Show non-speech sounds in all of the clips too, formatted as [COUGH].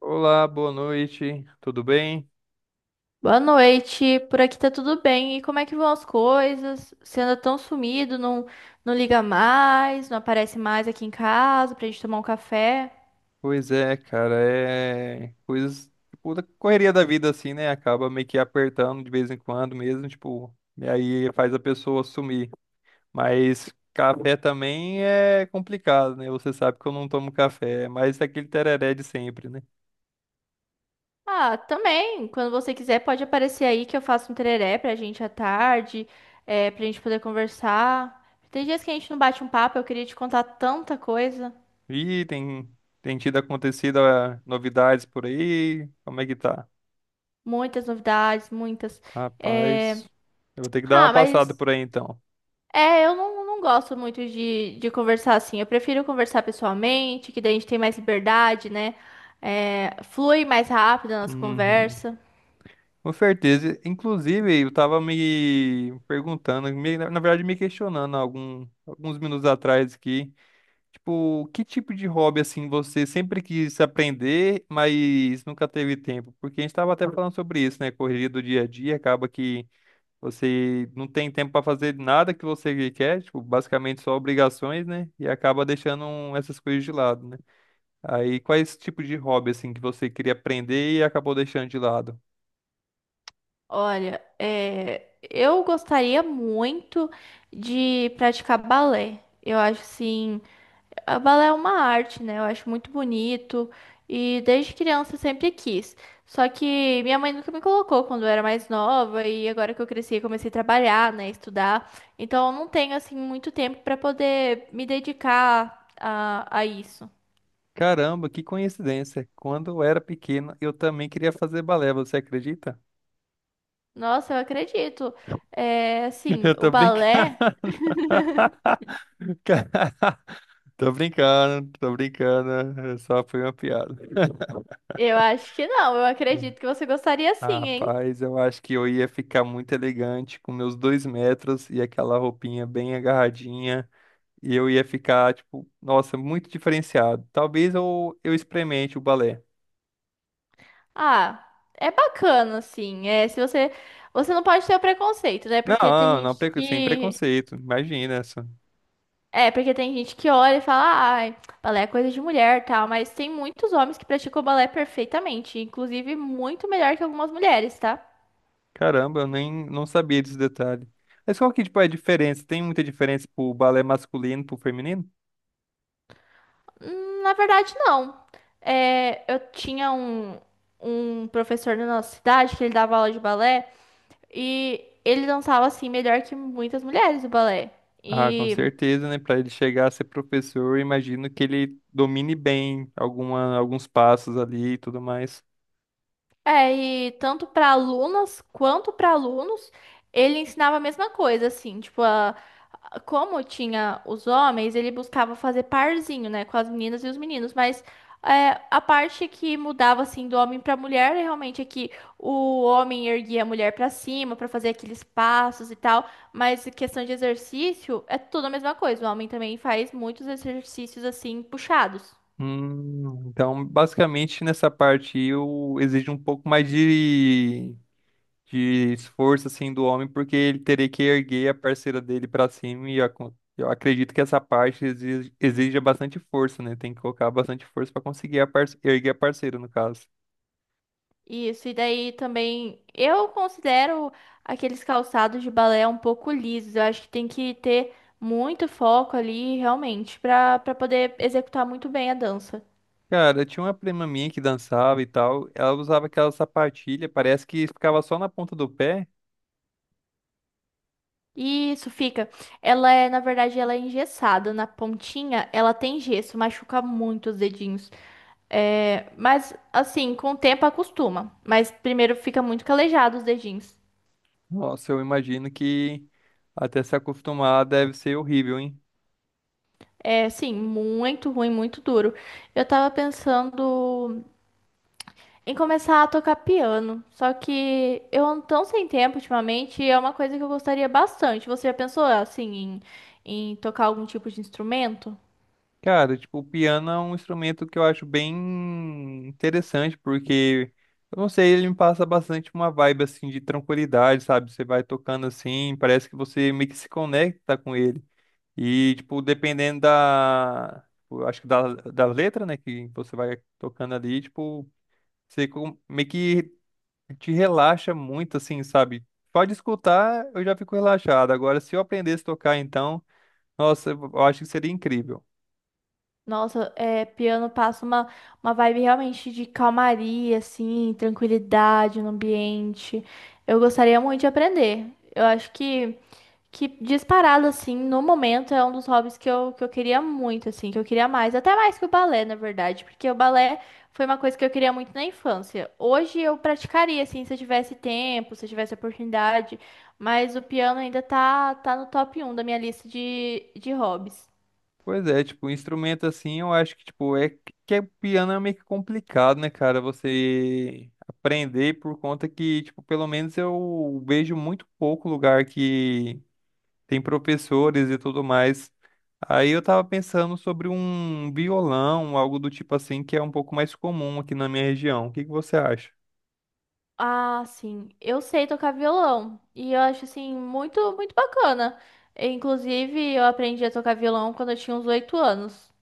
Olá, boa noite, tudo bem? Boa noite, por aqui tá tudo bem. E como é que vão as coisas? Você anda tão sumido, não liga mais, não aparece mais aqui em casa pra gente tomar um café. Pois é, cara, é coisas, tipo, da correria da vida, assim, né? Acaba meio que apertando de vez em quando mesmo, tipo, e aí faz a pessoa sumir. Mas café também é complicado, né? Você sabe que eu não tomo café, mas é aquele tereré de sempre, né? Ah, também, quando você quiser pode aparecer aí que eu faço um tereré pra gente à tarde, pra gente poder conversar. Tem dias que a gente não bate um papo, eu queria te contar tanta coisa, E tem, tem tido acontecido novidades por aí? Como é que tá? muitas novidades, muitas. É, Rapaz, eu vou ter que dar ah, uma passada mas por aí então. Eu não gosto muito de conversar assim. Eu prefiro conversar pessoalmente, que daí a gente tem mais liberdade, né? É, flui mais rápido a nossa Uhum. conversa. Com certeza. Inclusive, eu tava me perguntando, na verdade, me questionando alguns minutos atrás aqui. Tipo, que tipo de hobby assim você sempre quis aprender, mas nunca teve tempo? Porque a gente tava até falando sobre isso, né? Correria do dia a dia, acaba que você não tem tempo para fazer nada que você quer, tipo, basicamente só obrigações, né? E acaba deixando essas coisas de lado, né? Aí, quais tipo de hobby assim que você queria aprender e acabou deixando de lado? Olha, eu gostaria muito de praticar balé. Eu acho assim. A balé é uma arte, né? Eu acho muito bonito e desde criança eu sempre quis. Só que minha mãe nunca me colocou quando eu era mais nova e agora que eu cresci, eu comecei a trabalhar, né, estudar. Então eu não tenho assim muito tempo para poder me dedicar a isso. Caramba, que coincidência. Quando eu era pequeno, eu também queria fazer balé, você acredita? Nossa, eu acredito. É, [LAUGHS] assim, Eu o tô brincando. balé, [LAUGHS] Ca- [LAUGHS] Tô brincando, tô brincando. Só foi uma piada. eu acho que não. Eu [LAUGHS] acredito que você gostaria Ah, sim, hein? rapaz, eu acho que eu ia ficar muito elegante com meus 2 m e aquela roupinha bem agarradinha. E eu ia ficar, tipo, nossa, muito diferenciado. Talvez eu experimente o balé. Ah, é bacana assim. É, se você não pode ter o preconceito, né? Porque tem Não, não, gente sem que preconceito, imagina. é, porque tem gente que olha e fala, ai, balé é coisa de mulher, tal, mas tem muitos homens que praticam balé perfeitamente, inclusive muito melhor que algumas mulheres, tá? Caramba, eu nem não sabia desse detalhe. Mas qual que, tipo, é a diferença? Tem muita diferença pro balé masculino e pro feminino? Na verdade, não. Eu tinha um professor na nossa cidade que ele dava aula de balé e ele dançava assim melhor que muitas mulheres o balé. Ah, com E certeza, né? Para ele chegar a ser professor, eu imagino que ele domine bem alguma, alguns passos ali e tudo mais. é, e tanto para alunas quanto para alunos, ele ensinava a mesma coisa, assim, tipo, como tinha os homens, ele buscava fazer parzinho, né, com as meninas e os meninos, mas é, a parte que mudava, assim, do homem para mulher, realmente é que o homem erguia a mulher para cima para fazer aqueles passos e tal, mas em questão de exercício, é tudo a mesma coisa, o homem também faz muitos exercícios, assim, puxados. Então, basicamente, nessa parte aí, eu exijo um pouco mais de esforço assim do homem, porque ele teria que erguer a parceira dele pra cima e eu acredito que essa parte exija bastante força, né? Tem que colocar bastante força pra conseguir a erguer a parceira, no caso. Isso, e daí também eu considero aqueles calçados de balé um pouco lisos. Eu acho que tem que ter muito foco ali, realmente, para poder executar muito bem a dança. Cara, eu tinha uma prima minha que dançava e tal, ela usava aquela sapatilha, parece que ficava só na ponta do pé. Isso fica. Ela é, na verdade, ela é engessada. Na pontinha, ela tem gesso, machuca muito os dedinhos. É, mas, assim, com o tempo acostuma. Mas primeiro fica muito calejado os dedinhos. Nossa, eu imagino que até se acostumar deve ser horrível, hein? É, sim, muito ruim, muito duro. Eu tava pensando em começar a tocar piano. Só que eu ando tão sem tempo ultimamente, e é uma coisa que eu gostaria bastante. Você já pensou assim em tocar algum tipo de instrumento? Cara, tipo, o piano é um instrumento que eu acho bem interessante, porque, eu não sei, ele me passa bastante uma vibe, assim, de tranquilidade, sabe? Você vai tocando assim, parece que você meio que se conecta com ele. E, tipo, dependendo da, tipo, eu acho que da, da letra, né, que você vai tocando ali, tipo, você meio que te relaxa muito, assim, sabe? Pode escutar, eu já fico relaxado. Agora, se eu aprendesse a tocar, então, nossa, eu acho que seria incrível. Nossa, é, piano passa uma vibe realmente de calmaria, assim, tranquilidade no ambiente. Eu gostaria muito de aprender. Eu acho que disparado, assim, no momento é um dos hobbies que eu queria muito, assim, que eu queria mais, até mais que o balé, na verdade, porque o balé foi uma coisa que eu queria muito na infância. Hoje eu praticaria, assim, se eu tivesse tempo, se eu tivesse oportunidade, mas o piano ainda tá no top um da minha lista de hobbies. Pois é, tipo, instrumento assim, eu acho que, tipo, é que o piano é meio que complicado, né, cara? Você aprender por conta que, tipo, pelo menos eu vejo muito pouco lugar que tem professores e tudo mais. Aí eu tava pensando sobre um violão, algo do tipo assim, que é um pouco mais comum aqui na minha região. O que que você acha? Ah, sim, eu sei tocar violão e eu acho, assim, muito, muito bacana. Inclusive, eu aprendi a tocar violão quando eu tinha uns 8 anos.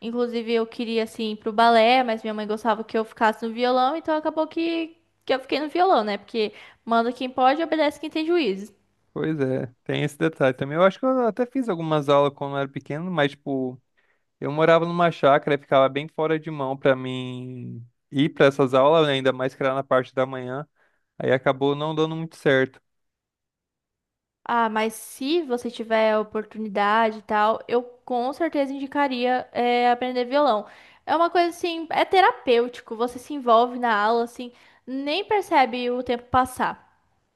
Inclusive, eu queria, assim, ir pro balé, mas minha mãe gostava que eu ficasse no violão, então acabou que eu fiquei no violão, né? Porque manda quem pode, obedece quem tem juízo. Pois é, tem esse detalhe também. Eu acho que eu até fiz algumas aulas quando eu era pequeno, mas, tipo, eu morava numa chácara e ficava bem fora de mão pra mim ir pra essas aulas, né, ainda mais que era na parte da manhã. Aí acabou não dando muito certo. Ah, mas se você tiver a oportunidade e tal, eu com certeza indicaria aprender violão. É uma coisa assim, é terapêutico, você se envolve na aula, assim, nem percebe o tempo passar.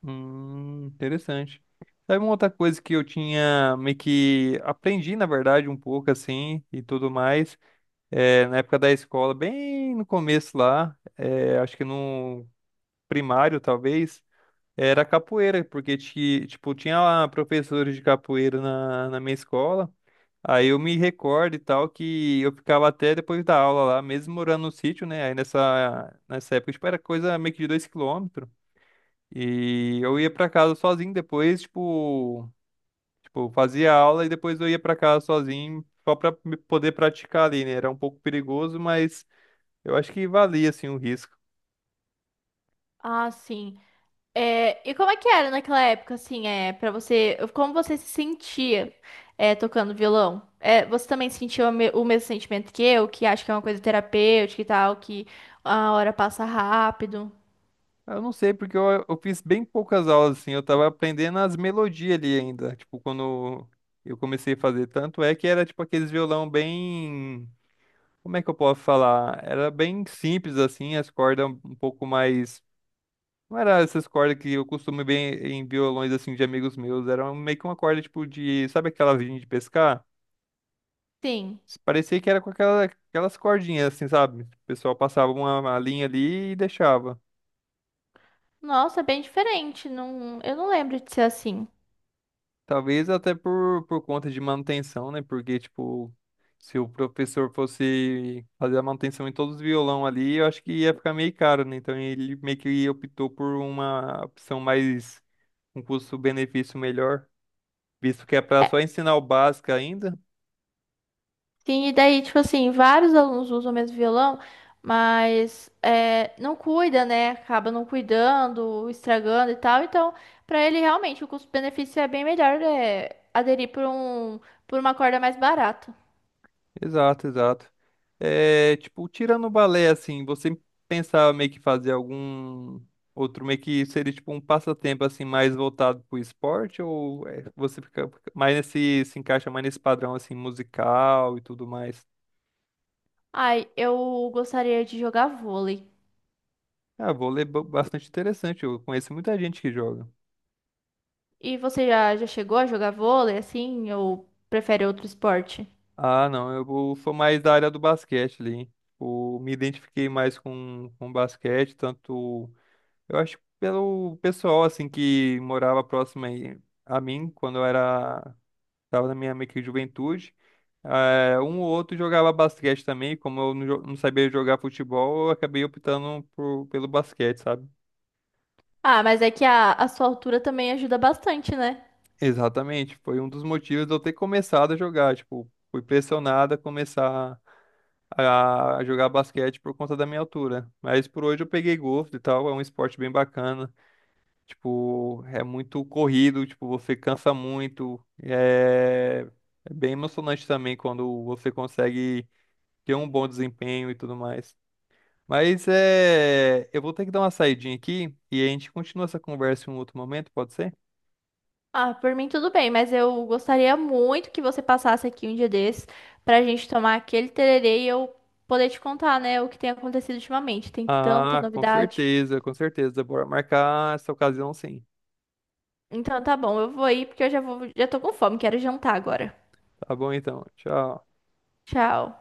Interessante. Sabe uma outra coisa que eu tinha meio que aprendi, na verdade, um pouco assim e tudo mais, é, na época da escola, bem no começo lá, é, acho que no primário talvez, era capoeira, porque tipo, tinha lá professores de capoeira na, na minha escola. Aí eu me recordo e tal que eu ficava até depois da aula lá, mesmo morando no sítio, né? Aí nessa, nessa época, tipo, era coisa meio que de 2 km. E eu ia pra casa sozinho depois, tipo, tipo, fazia aula e depois eu ia pra casa sozinho só pra me poder praticar ali, né? Era um pouco perigoso, mas eu acho que valia assim o risco. Ah, sim. É, e como é que era naquela época, assim, é, para você, como você se sentia, é, tocando violão? É, você também sentiu o mesmo sentimento que eu, que acho que é uma coisa terapêutica e tal, que a hora passa rápido? Eu não sei, porque eu fiz bem poucas aulas, assim, eu tava aprendendo as melodias ali ainda, tipo, quando eu comecei a fazer, tanto é que era, tipo, aqueles violão bem, como é que eu posso falar? Era bem simples, assim, as cordas um pouco mais, não era essas cordas que eu costumo ver em violões, assim, de amigos meus, era um, meio que uma corda, tipo, de, sabe aquela vinha de pescar? Sim. Parecia que era com aquela, aquelas cordinhas, assim, sabe? O pessoal passava uma linha ali e deixava. Nossa, é bem diferente. Não, eu não lembro de ser assim. É, Talvez até por conta de manutenção, né? Porque, tipo, se o professor fosse fazer a manutenção em todos os violão ali, eu acho que ia ficar meio caro, né? Então ele meio que optou por uma opção mais, um custo-benefício melhor, visto que é para só ensinar o básico ainda. sim, e daí, tipo assim, vários alunos usam o mesmo violão, mas é, não cuida, né? Acaba não cuidando, estragando e tal. Então, pra ele, realmente, o custo-benefício é bem melhor aderir por um, por uma corda mais barata. Exato, exato. É, tipo, tirando o balé, assim, você pensava meio que fazer algum outro, meio que seria tipo um passatempo, assim, mais voltado pro esporte, ou é, você fica mais nesse, se encaixa mais nesse padrão, assim, musical e tudo mais? Ai, eu gostaria de jogar vôlei. Ah, vôlei é bastante interessante, eu conheço muita gente que joga. E você já chegou a jogar vôlei, assim, ou prefere outro esporte? Ah, não, sou mais da área do basquete ali, hein? Tipo, me identifiquei mais com basquete, tanto. Eu acho que pelo pessoal, assim, que morava próximo aí a mim, quando eu era... Tava na minha meio que juventude. Eh, um ou outro jogava basquete também. Como eu não, não sabia jogar futebol, eu acabei optando pelo basquete, sabe? Ah, mas é que a sua altura também ajuda bastante, né? Exatamente. Foi um dos motivos de eu ter começado a jogar. Tipo, fui pressionado a começar a jogar basquete por conta da minha altura. Mas por hoje eu peguei gosto e tal. É um esporte bem bacana. Tipo, é muito corrido, tipo, você cansa muito. É, é bem emocionante também quando você consegue ter um bom desempenho e tudo mais. Mas é, eu vou ter que dar uma saidinha aqui e a gente continua essa conversa em um outro momento, pode ser? Ah, por mim tudo bem, mas eu gostaria muito que você passasse aqui um dia desses pra gente tomar aquele tererê e eu poder te contar, né, o que tem acontecido ultimamente. Tem tanta Ah, com novidade. certeza, com certeza. Bora marcar essa ocasião sim. Então tá bom, eu vou ir porque eu já vou, já tô com fome, quero jantar agora. Tá bom então. Tchau. Tchau.